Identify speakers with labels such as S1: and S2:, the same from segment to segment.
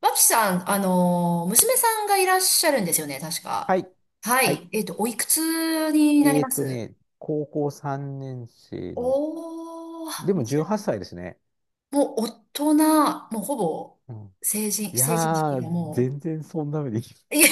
S1: 脇さん、娘さんがいらっしゃるんですよね、確
S2: は
S1: か。
S2: い。
S1: は
S2: はい。
S1: い。おいくつになります？
S2: 高校3年生の、
S1: お
S2: で
S1: ー、
S2: も
S1: じゃ
S2: 18
S1: あ
S2: 歳ですね。
S1: もう大人、もうほぼ
S2: うん。
S1: 成人、
S2: い
S1: 成人式
S2: やー、
S1: がも
S2: 全然そんな目でいい。
S1: う。いや、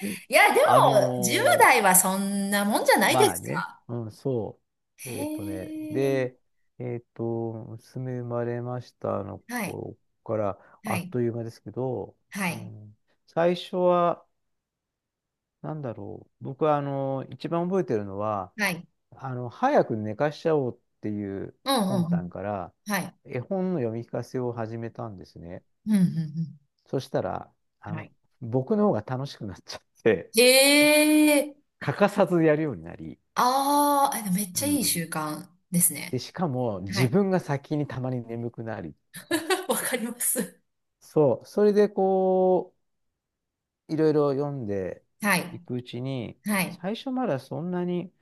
S1: いや、でも、
S2: あ
S1: 10
S2: の
S1: 代
S2: ー
S1: はそんなもんじゃないで
S2: まあ
S1: す
S2: ね、
S1: か。
S2: うん、そう。
S1: へ
S2: ね、で、
S1: え。
S2: えーっと、娘生まれましたの
S1: はい、
S2: 頃から、
S1: は
S2: あっ
S1: い、
S2: という間ですけど、
S1: は
S2: う
S1: い、
S2: ん、最初は、なんだろう。僕は、一番覚えてるのは、
S1: はい。
S2: 早く寝かしちゃおうっていう
S1: うん、
S2: 魂
S1: うん、う
S2: 胆
S1: ん。
S2: から、
S1: はい。
S2: 絵本の読み聞かせを始めたんですね。
S1: うん、うん、
S2: そしたら、
S1: うん。
S2: あ
S1: は
S2: の、
S1: い。
S2: 僕の方が楽しくなっちゃって、
S1: へえ。
S2: 欠かさずやるようになり、
S1: ああ、でもめっ
S2: う
S1: ちゃいい
S2: ん。
S1: 習慣です
S2: で、
S1: ね。
S2: しかも
S1: は
S2: 自
S1: い。
S2: 分が先にたまに眠くなり、
S1: わかります。
S2: そう、それでいろいろ読んで
S1: は
S2: い
S1: い。
S2: くうちに、
S1: はい。
S2: 最初まだそんなに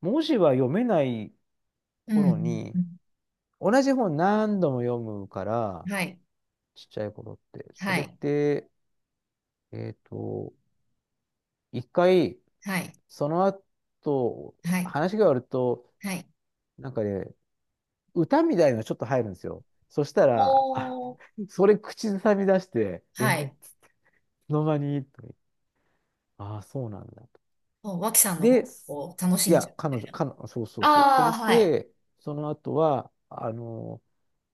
S2: 文字は読めない
S1: う
S2: 頃
S1: ん。
S2: に、同じ本何度も読むから、
S1: はい。
S2: ちっちゃい頃って。そ
S1: は
S2: れっ
S1: い。
S2: て、えっと、一回、
S1: はい。
S2: その後、
S1: はい。
S2: 話が終わると、
S1: はい。
S2: なんかね、歌みたいのがちょっと入るんですよ。そしたら、あ、
S1: おー。
S2: それ口ずさみ出して、
S1: は
S2: い
S1: い。
S2: つの間にとか言ってああそうなんだと。
S1: もう、脇さんの
S2: で、
S1: 方を楽し
S2: い
S1: ん
S2: や、
S1: じゃう
S2: 彼
S1: みた
S2: 女、
S1: いな。
S2: 彼女、そうそうそう。そ
S1: ああ、
S2: れ
S1: はい。
S2: で、その後は、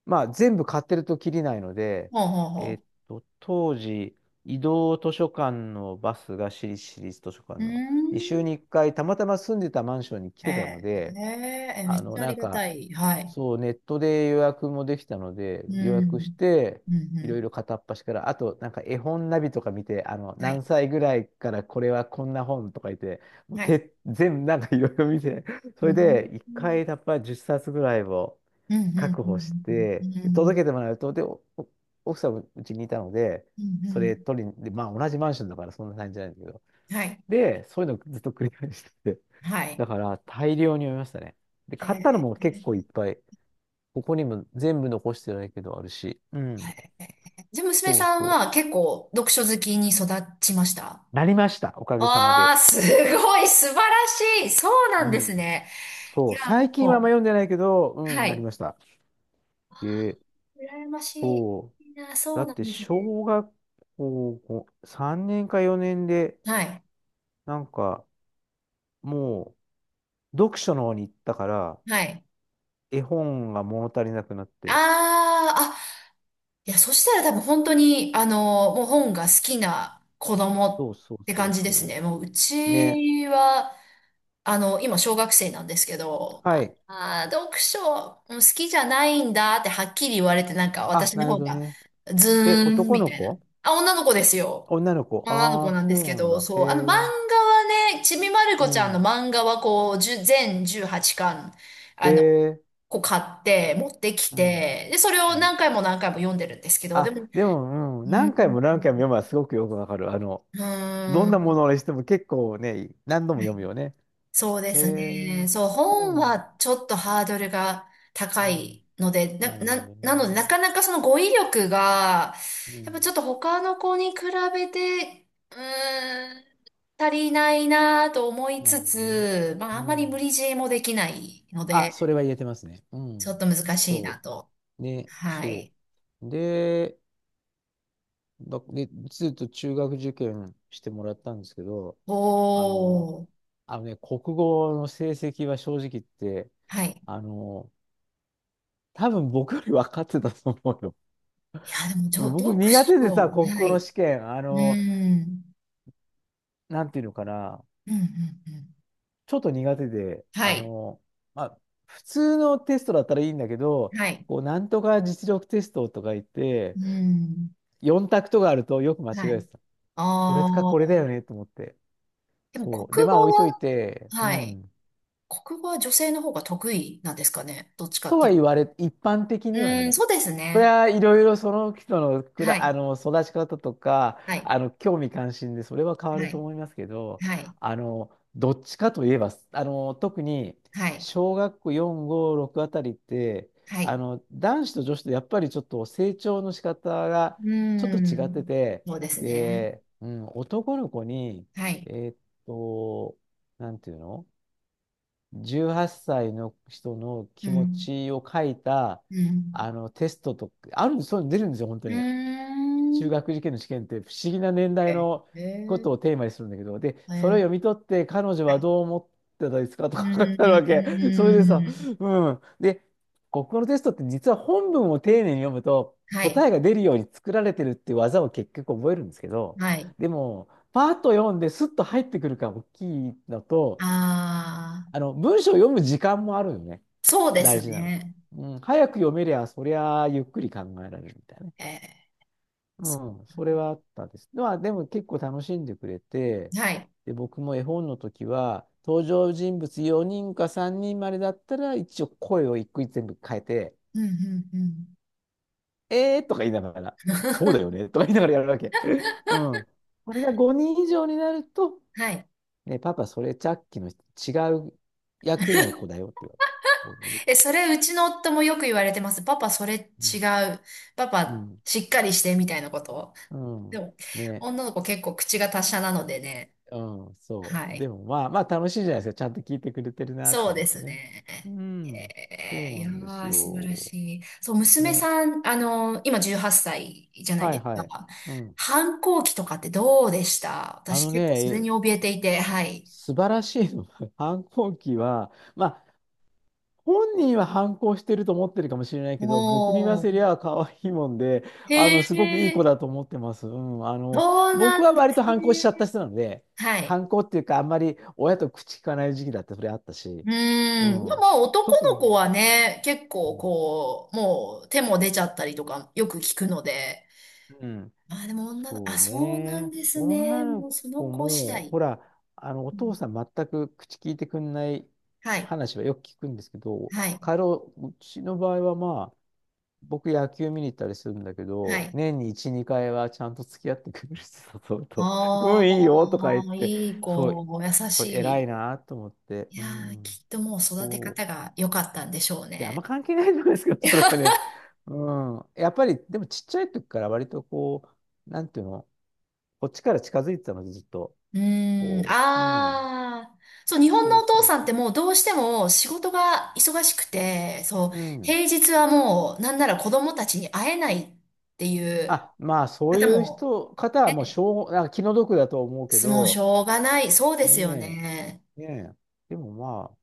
S2: まあ、全部買ってるときりないので、
S1: ほうほう
S2: えっ
S1: ほ
S2: 当時、移動図書館のバスが私立図書館
S1: う。うー
S2: の2週
S1: ん。
S2: に1回、たまたま住んでたマンションに来
S1: え
S2: てたので、
S1: ー、えー、えめっ
S2: あの、
S1: ちゃあ
S2: な
S1: り
S2: ん
S1: が
S2: か、
S1: たい。はい。
S2: そう、ネットで予約もできたので、
S1: う
S2: 予約し
S1: ん。
S2: て、
S1: うん、う
S2: いろい
S1: ん。
S2: ろ片っ端から、あと、なんか絵本ナビとか見て、
S1: は
S2: 何
S1: い。
S2: 歳ぐらいからこれはこんな本とか言って、もう
S1: はい。
S2: て、全部なんかいろいろ見て、
S1: う
S2: それ
S1: ん。
S2: で、1
S1: うん、
S2: 回、やっぱり10冊ぐらいを、
S1: うん、うん、
S2: 確保し
S1: う
S2: て、
S1: ん、うん、
S2: 届けてもらうと、で、奥さんもうちにいたので、
S1: うん。う
S2: そ
S1: ん、
S2: れ取りに、で、まあ同じマンションだからそんな感じじゃないんだけど、
S1: はい。
S2: で、そういうのずっと繰り返してて、
S1: はい。
S2: だから大量に読みましたね。で、
S1: へ
S2: 買ったのも
S1: え、
S2: 結構いっぱい、ここにも全部残してないけどあるし、う
S1: は
S2: ん、
S1: い。じゃあ、娘
S2: そう
S1: さん
S2: そう。
S1: は結構読書好きに育ちました？
S2: なりました、おかげさま
S1: ああ
S2: で。
S1: ー、すごい、素晴らしい。そうな
S2: う
S1: んです
S2: ん。
S1: ね。
S2: そ
S1: い
S2: う、
S1: や、
S2: 最近はあんま
S1: も
S2: 読んでないけど、
S1: う、
S2: う
S1: は
S2: ん、なり
S1: い。
S2: ました。え
S1: 羨ましい。
S2: そう、
S1: いいな、そ
S2: だ
S1: う
S2: っ
S1: なん
S2: て
S1: ですね。
S2: 小学校3年か4年で、
S1: はい。
S2: なんか、もう、読書の方に行ったから、
S1: はい。
S2: 絵本が物足りなくなっ
S1: あ
S2: て。
S1: あ、あ、いや、そしたら多分本当に、もう本が好きな子
S2: そ
S1: 供
S2: うそう
S1: って
S2: そ
S1: 感
S2: う
S1: じです
S2: そ
S1: ね。もう、う
S2: う。ね。
S1: ちは、今、小学生なんですけど、
S2: は
S1: ま
S2: い。
S1: あ、あー読書うん好きじゃないんだってはっきり言われて、なんか
S2: あ、
S1: 私の
S2: なる
S1: 方
S2: ほど
S1: が、
S2: ね。
S1: ズ
S2: え、
S1: ーン
S2: 男
S1: み
S2: の
S1: たいな。
S2: 子
S1: あ、女の子ですよ。
S2: 女の子
S1: 女の
S2: あ
S1: 子
S2: あー、
S1: なんで
S2: そ
S1: す
S2: う
S1: け
S2: なん
S1: ど、
S2: だ。へ
S1: そう、あの漫画
S2: え。
S1: はね、ちびまる
S2: う
S1: 子ちゃんの
S2: ん。
S1: 漫画はこう、1全18巻、
S2: へ
S1: あの、
S2: え。
S1: こう買って、持ってき
S2: うん。
S1: て、で、それ
S2: う
S1: を
S2: ん。
S1: 何回も何回も読んでるんですけど、でも、
S2: あ、でも、う
S1: う
S2: ん。
S1: ん、
S2: 何回も何回も読むのはすごくよくわかる。
S1: う
S2: どん
S1: ー
S2: なも
S1: ん。
S2: のにしても結構ね、何度も読むよね。
S1: そうで
S2: へ
S1: すね。
S2: え。
S1: そう、
S2: そう
S1: 本
S2: なんだ。
S1: はちょっとハードルが
S2: う
S1: 高
S2: ん。
S1: いので、
S2: なるほどね。
S1: なので、なかなかその語彙力が、
S2: う
S1: やっぱち
S2: ん。
S1: ょっと他の子に比べて、うーん、足りないなと思い
S2: なる
S1: つ
S2: ほどね。
S1: つ、まあ、
S2: う
S1: あんまり無
S2: ん。
S1: 理強いもできないの
S2: あ、
S1: で、
S2: それは言えてますね。う
S1: ちょっ
S2: ん。
S1: と難しいな
S2: そ
S1: と。
S2: う。ね、
S1: は
S2: そ
S1: い。
S2: う。で、で、ずっと中学受験してもらったんですけど、あの、
S1: おー。
S2: あのね、国語の成績は正直言って、
S1: はい。
S2: あの、多分僕より分かってたと思うよ。
S1: いや、でも、
S2: 僕
S1: 読
S2: 苦手で
S1: 書。
S2: さ、国
S1: は
S2: 語の
S1: い。
S2: 試験、
S1: うーん。
S2: なんていうのかな、
S1: うん、うん、うん。
S2: ちょっと苦手で、
S1: はい。
S2: まあ、普通のテストだったらいいんだけど、
S1: はい。
S2: なんとか実力テストとか言っ
S1: う
S2: て、
S1: ーん。
S2: 4択とかあるとよく間違
S1: は
S2: え
S1: い。
S2: てた。これか
S1: あ
S2: これだ
S1: あ、
S2: よねと思って。
S1: でも
S2: そう。で、
S1: 国
S2: ま
S1: 語
S2: あ置いとい
S1: は、
S2: て、う
S1: はい。
S2: ん。
S1: 国語は女性の方が得意なんですかね。どっちかっ
S2: と
S1: て
S2: は
S1: い
S2: 言
S1: う。
S2: われ、一般的
S1: う
S2: には
S1: ーん、
S2: ね、
S1: そうです
S2: それ
S1: ね。
S2: はいろいろその人の
S1: はい。
S2: 育ち方とか、
S1: はい。
S2: 興味関心でそれは変わ
S1: は
S2: ると
S1: い。
S2: 思いますけど、
S1: はい。
S2: どっちかといえば、特に
S1: はい。
S2: 小学校4、5、6あたりって、
S1: はい。
S2: 男子と女子とやっぱりちょっと成長の仕方
S1: う
S2: がちょっ
S1: ー
S2: と違って
S1: ん。
S2: て、
S1: そうですね。
S2: で、うん、男の子に、
S1: はい。
S2: えーっと、なんていうの18歳の人の
S1: う
S2: 気持
S1: ん。
S2: ちを書いた、
S1: うん。
S2: テストとか、あるんです、そういうの出るんですよ、本当
S1: う
S2: に。
S1: ー
S2: 中
S1: ん。
S2: 学受験の試験って不思議な年代
S1: え、
S2: のこ
S1: え
S2: とをテーマにするんだけど、で、
S1: ー、え
S2: それを読
S1: ー、
S2: み取って、彼女
S1: は
S2: は
S1: い。
S2: どう思ってたですかと
S1: う
S2: か書いてあるわ
S1: ー
S2: け。それでさ、
S1: ん。
S2: うん。で、国語のテストって実は本文を丁寧に読むと、
S1: は
S2: 答
S1: い。
S2: えが出るように作られてるっていう技を結局覚えるんですけど、
S1: はい。
S2: でも、パーッと読んですっと入ってくるから大きいのと、
S1: ああ、
S2: 文章を読む時間もあるよね。
S1: そうです
S2: 大事なのって。
S1: ね。
S2: うん、早く読めりゃ、そりゃあゆっくり考えられるみたいなね。
S1: えー、そ
S2: うん、そ
S1: う
S2: れ
S1: ね、
S2: はあったです。まあ、でも結構楽しんでくれて、
S1: はい。
S2: で、僕も絵本の時は、登場人物4人か3人までだったら、一応声を一個一個全部変えて、
S1: うん、うん、うん。
S2: えーとか言いながら、そうだよねとか言いながらやるわけ。うん。これが5人以上になると、
S1: はい。
S2: ね、パパ、それさっきの違う役の子だよって言われる。そうだね
S1: え、それ、うちの夫もよく言われてます。パパ、それ
S2: う
S1: 違
S2: ん
S1: う。パ
S2: う
S1: パ、
S2: ん。
S1: しっかりして、みたいなこと。
S2: う
S1: で
S2: ん。
S1: も、
S2: ね。
S1: 女の子結構口が達者なのでね。
S2: うん。そ
S1: は
S2: う。で
S1: い。
S2: もまあまあ楽しいじゃないですか。ちゃんと聞いてくれてるなと
S1: そう
S2: 思
S1: で
S2: うと
S1: す
S2: ね。
S1: ね。
S2: う
S1: へ
S2: ん。そ
S1: え、
S2: う
S1: い
S2: な
S1: や
S2: んです
S1: ー、素晴ら
S2: よ。
S1: しい。そう、娘
S2: ね。
S1: さん、今18歳じゃない
S2: はい
S1: で
S2: は
S1: す
S2: い。
S1: か。
S2: うん。
S1: 反抗期とかってどうでした？
S2: あ
S1: 私
S2: の
S1: 結構それ
S2: ね、
S1: に怯えていて、はい。
S2: 素晴らしいの反抗期は、本人は反抗してると思ってるかもしれないけど、僕に言わ
S1: おー。
S2: せりゃ可愛いもんで、
S1: へ
S2: すごくいい子
S1: え、
S2: だと思ってます。うん。
S1: そうな
S2: 僕は
S1: んで
S2: 割
S1: す
S2: と反抗し
S1: ね。
S2: ちゃった人なので、
S1: はい。
S2: 反抗っていうか、あんまり親と口聞かない時期だってそれあったし、
S1: う
S2: う
S1: ーん。で
S2: ん。
S1: も男
S2: 特
S1: の
S2: に、
S1: 子はね、結
S2: う
S1: 構
S2: ん。
S1: こう、もう手も出ちゃったりとかよく聞くので。
S2: うん
S1: まあでも女の、
S2: そ
S1: あ、
S2: う
S1: そうなん
S2: ね。
S1: ですね。
S2: 女
S1: も
S2: の
S1: うその
S2: 子
S1: 子次
S2: も、
S1: 第。
S2: ほら、お
S1: うん、
S2: 父さん全く口聞いてくんない
S1: はい。
S2: 話はよく聞くんですけど、
S1: はい。
S2: 彼を、うちの場合はまあ、僕野球見に行ったりするんだけ
S1: は
S2: ど、
S1: い。
S2: 年に1、2回はちゃんと付き合ってくれる人と、う
S1: あ
S2: ん、いいよとか言っ
S1: あ、
S2: て、
S1: いい
S2: そう、
S1: 子、優
S2: そ
S1: し
S2: う、偉い
S1: い。
S2: なと思って、
S1: い
S2: う
S1: やー、
S2: ん、
S1: きっともう育て
S2: そう。
S1: 方が良かったんでしょう
S2: いや、あんま
S1: ね。
S2: 関係ないじゃないですか、それはね。うん。やっぱり、でもちっちゃい時から割となんていうの、こっちから近づいてたので、ずっと。
S1: うーん、
S2: うん。
S1: ああ、そう、日本
S2: そ
S1: の
S2: う
S1: お父
S2: そう
S1: さんっ
S2: そ
S1: てもうどうしても仕事が忙しくて、そう、
S2: う。うん。
S1: 平日はもうなんなら子供たちに会えないっていう
S2: あ、まあ、そう
S1: 方
S2: いう
S1: も、
S2: 方はもう、し
S1: ね、
S2: ょう、なんか気の毒だと思うけ
S1: もうし
S2: ど、
S1: ょうがない、そうですよ
S2: ね
S1: ね。
S2: え、ねえ。でもま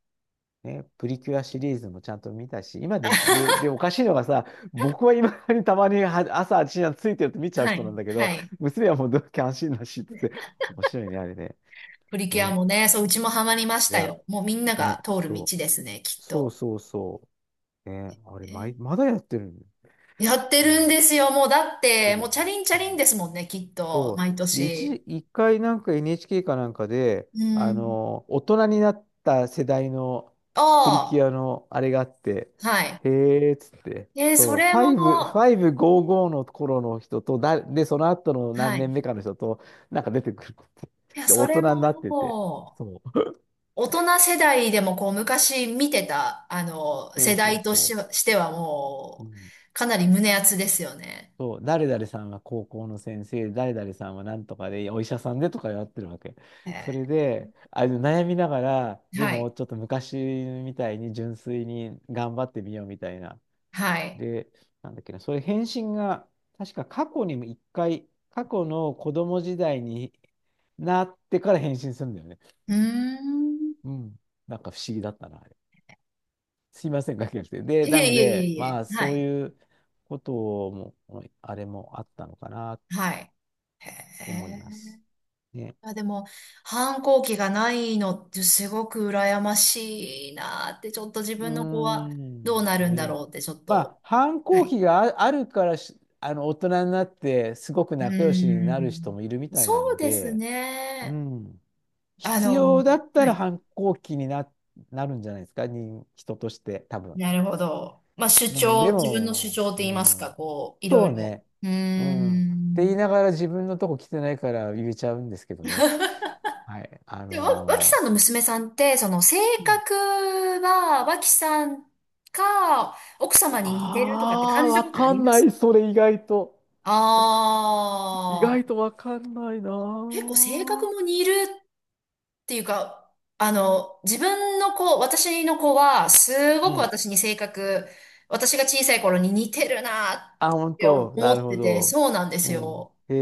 S2: あ、ね、プリキュアシリーズもちゃんと見たし、今で、おかしいのがさ、僕は今にたまには朝8時についてると見ちゃう
S1: は
S2: 人な
S1: い、
S2: んだけど、
S1: はい。
S2: 娘はもう同期安心だしっつって、面白いね、あれね。
S1: プリキュア
S2: ね。
S1: もね、そう、うちもハマりまし
S2: い
S1: た
S2: や、
S1: よ。もうみんな
S2: ね、
S1: が通る
S2: そ
S1: 道ですね、き
S2: う。
S1: っ
S2: そう
S1: と。
S2: そうそう。ね、あれ、
S1: え、
S2: まだやってるんだ
S1: やっ
S2: よ。
S1: て
S2: う
S1: るん
S2: ん。やっ
S1: ですよ、もうだっ
S2: て
S1: て、
S2: る
S1: も
S2: よ
S1: う
S2: ね。
S1: チャリンチャ
S2: う
S1: リン
S2: ん
S1: ですもんね、きっと、
S2: そう。
S1: 毎
S2: で、
S1: 年。
S2: 一回なんか NHK かなんかで、
S1: うん。
S2: 大人になった世代のプリキ
S1: あ
S2: ュアのあれがあって、
S1: あ、はい。
S2: へえーっつって、
S1: えー
S2: そ
S1: そ
S2: う、5、
S1: れも、
S2: 555の頃の人と、で、その後の
S1: は
S2: 何
S1: い。
S2: 年目かの人と、なんか出てくるって。
S1: いや、
S2: で、
S1: そ
S2: 大
S1: れも
S2: 人になってて。
S1: も
S2: そう。
S1: う、大人世代でもこう、昔見てた、
S2: そう
S1: 世
S2: そう
S1: 代とし、
S2: そ
S1: しては
S2: う。う
S1: も
S2: ん
S1: う、かなり胸熱ですよね。
S2: そう、誰々さんは高校の先生、誰々さんはなんとかで、お医者さんでとかやってるわけ。それ
S1: え
S2: で、悩みながら、
S1: ー、
S2: で
S1: は
S2: も
S1: い。
S2: ちょっと昔みたいに純粋に頑張ってみようみたいな。
S1: はい。
S2: で、なんだっけな、それ返信が、確か過去にも一回、過去の子供時代になってから返信するんだよね。
S1: うーん。
S2: うん。なんか不思議だったな、あれ。すいません、かけて。で、
S1: い
S2: な
S1: え
S2: の
S1: いえ
S2: で、
S1: いえい
S2: まあ、
S1: え。は
S2: そう
S1: い。
S2: いうことも、あれもあったのかな。
S1: はい。へ
S2: 思いま
S1: え。
S2: す。ね。
S1: あ、でも、反抗期がないのってすごく羨ましいなーって、ちょっと自
S2: うー
S1: 分の子はどう
S2: ん。
S1: なるんだ
S2: ね。
S1: ろうって、ちょっ
S2: ま
S1: と。
S2: あ、反
S1: は
S2: 抗
S1: い、
S2: 期があるから大人になって、すごく
S1: うー
S2: 仲良しになる人
S1: ん。
S2: もいるみた
S1: そ
S2: いな
S1: う
S2: の
S1: です
S2: で、う
S1: ね。
S2: ん。
S1: あ
S2: 必
S1: の、
S2: 要だった
S1: は
S2: ら
S1: い。
S2: 反抗期になるんじゃないですか、人として、多分。
S1: なるほど。まあ、主
S2: うん、
S1: 張、
S2: で
S1: 自分の主
S2: も、
S1: 張って
S2: う
S1: 言いますか、
S2: ん、
S1: こう、いろ
S2: そ
S1: い
S2: う
S1: ろ。
S2: ね。
S1: うー
S2: うん。って言
S1: ん。
S2: いながら自分のとこ来てないから言えちゃうんですけどね。はい。
S1: で、脇さんの娘さんって、その性
S2: うん
S1: 格は、脇さんか、奥様に似てるとかって
S2: あ
S1: 感
S2: あ、
S1: じた
S2: わ
S1: ことあ
S2: か
S1: り
S2: ん
S1: ま
S2: な
S1: す？
S2: い、それ意外と。意
S1: ああ
S2: 外
S1: ー、
S2: とわかんないな
S1: 結構性格
S2: ぁ。
S1: も似るっていうか、自分の子、私の子は、す
S2: う
S1: ごく
S2: ん。
S1: 私に性格、私が小さい頃に似てるなっ
S2: あ、本
S1: て思
S2: 当。なる
S1: っ
S2: ほ
S1: てて、
S2: ど。
S1: そうなんで
S2: う
S1: す
S2: ん。
S1: よ。
S2: へ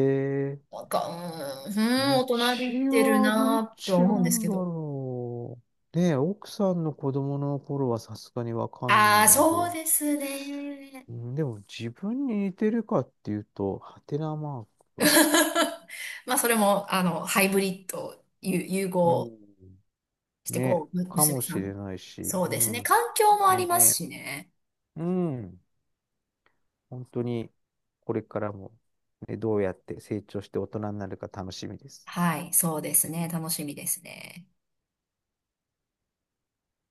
S2: え。
S1: なんか、うーん、うーん
S2: う
S1: 大人びっ
S2: ち
S1: てる
S2: はどっ
S1: なって
S2: ちな
S1: 思うんです
S2: ん
S1: け
S2: だ
S1: ど。
S2: ろう。ねえ、奥さんの子供の頃はさすがにわかんな
S1: あ
S2: い
S1: あ、
S2: の
S1: そ
S2: で。
S1: うですね。
S2: うん、でも自分に似てるかっていうと、ハテナマークは。
S1: まあ、それも、ハイブリッド、融
S2: う
S1: 合
S2: ん。
S1: して、
S2: ね、
S1: こう、
S2: か
S1: 娘
S2: も
S1: さ
S2: し
S1: ん
S2: れ
S1: も。
S2: ないし。
S1: そう
S2: う
S1: ですね。
S2: ん。
S1: 環境もあ
S2: ね
S1: ります
S2: え。
S1: しね。
S2: うん。本当にこれからも、ね、どうやって成長して大人になるか楽しみです。
S1: はい、そうですね。楽しみですね。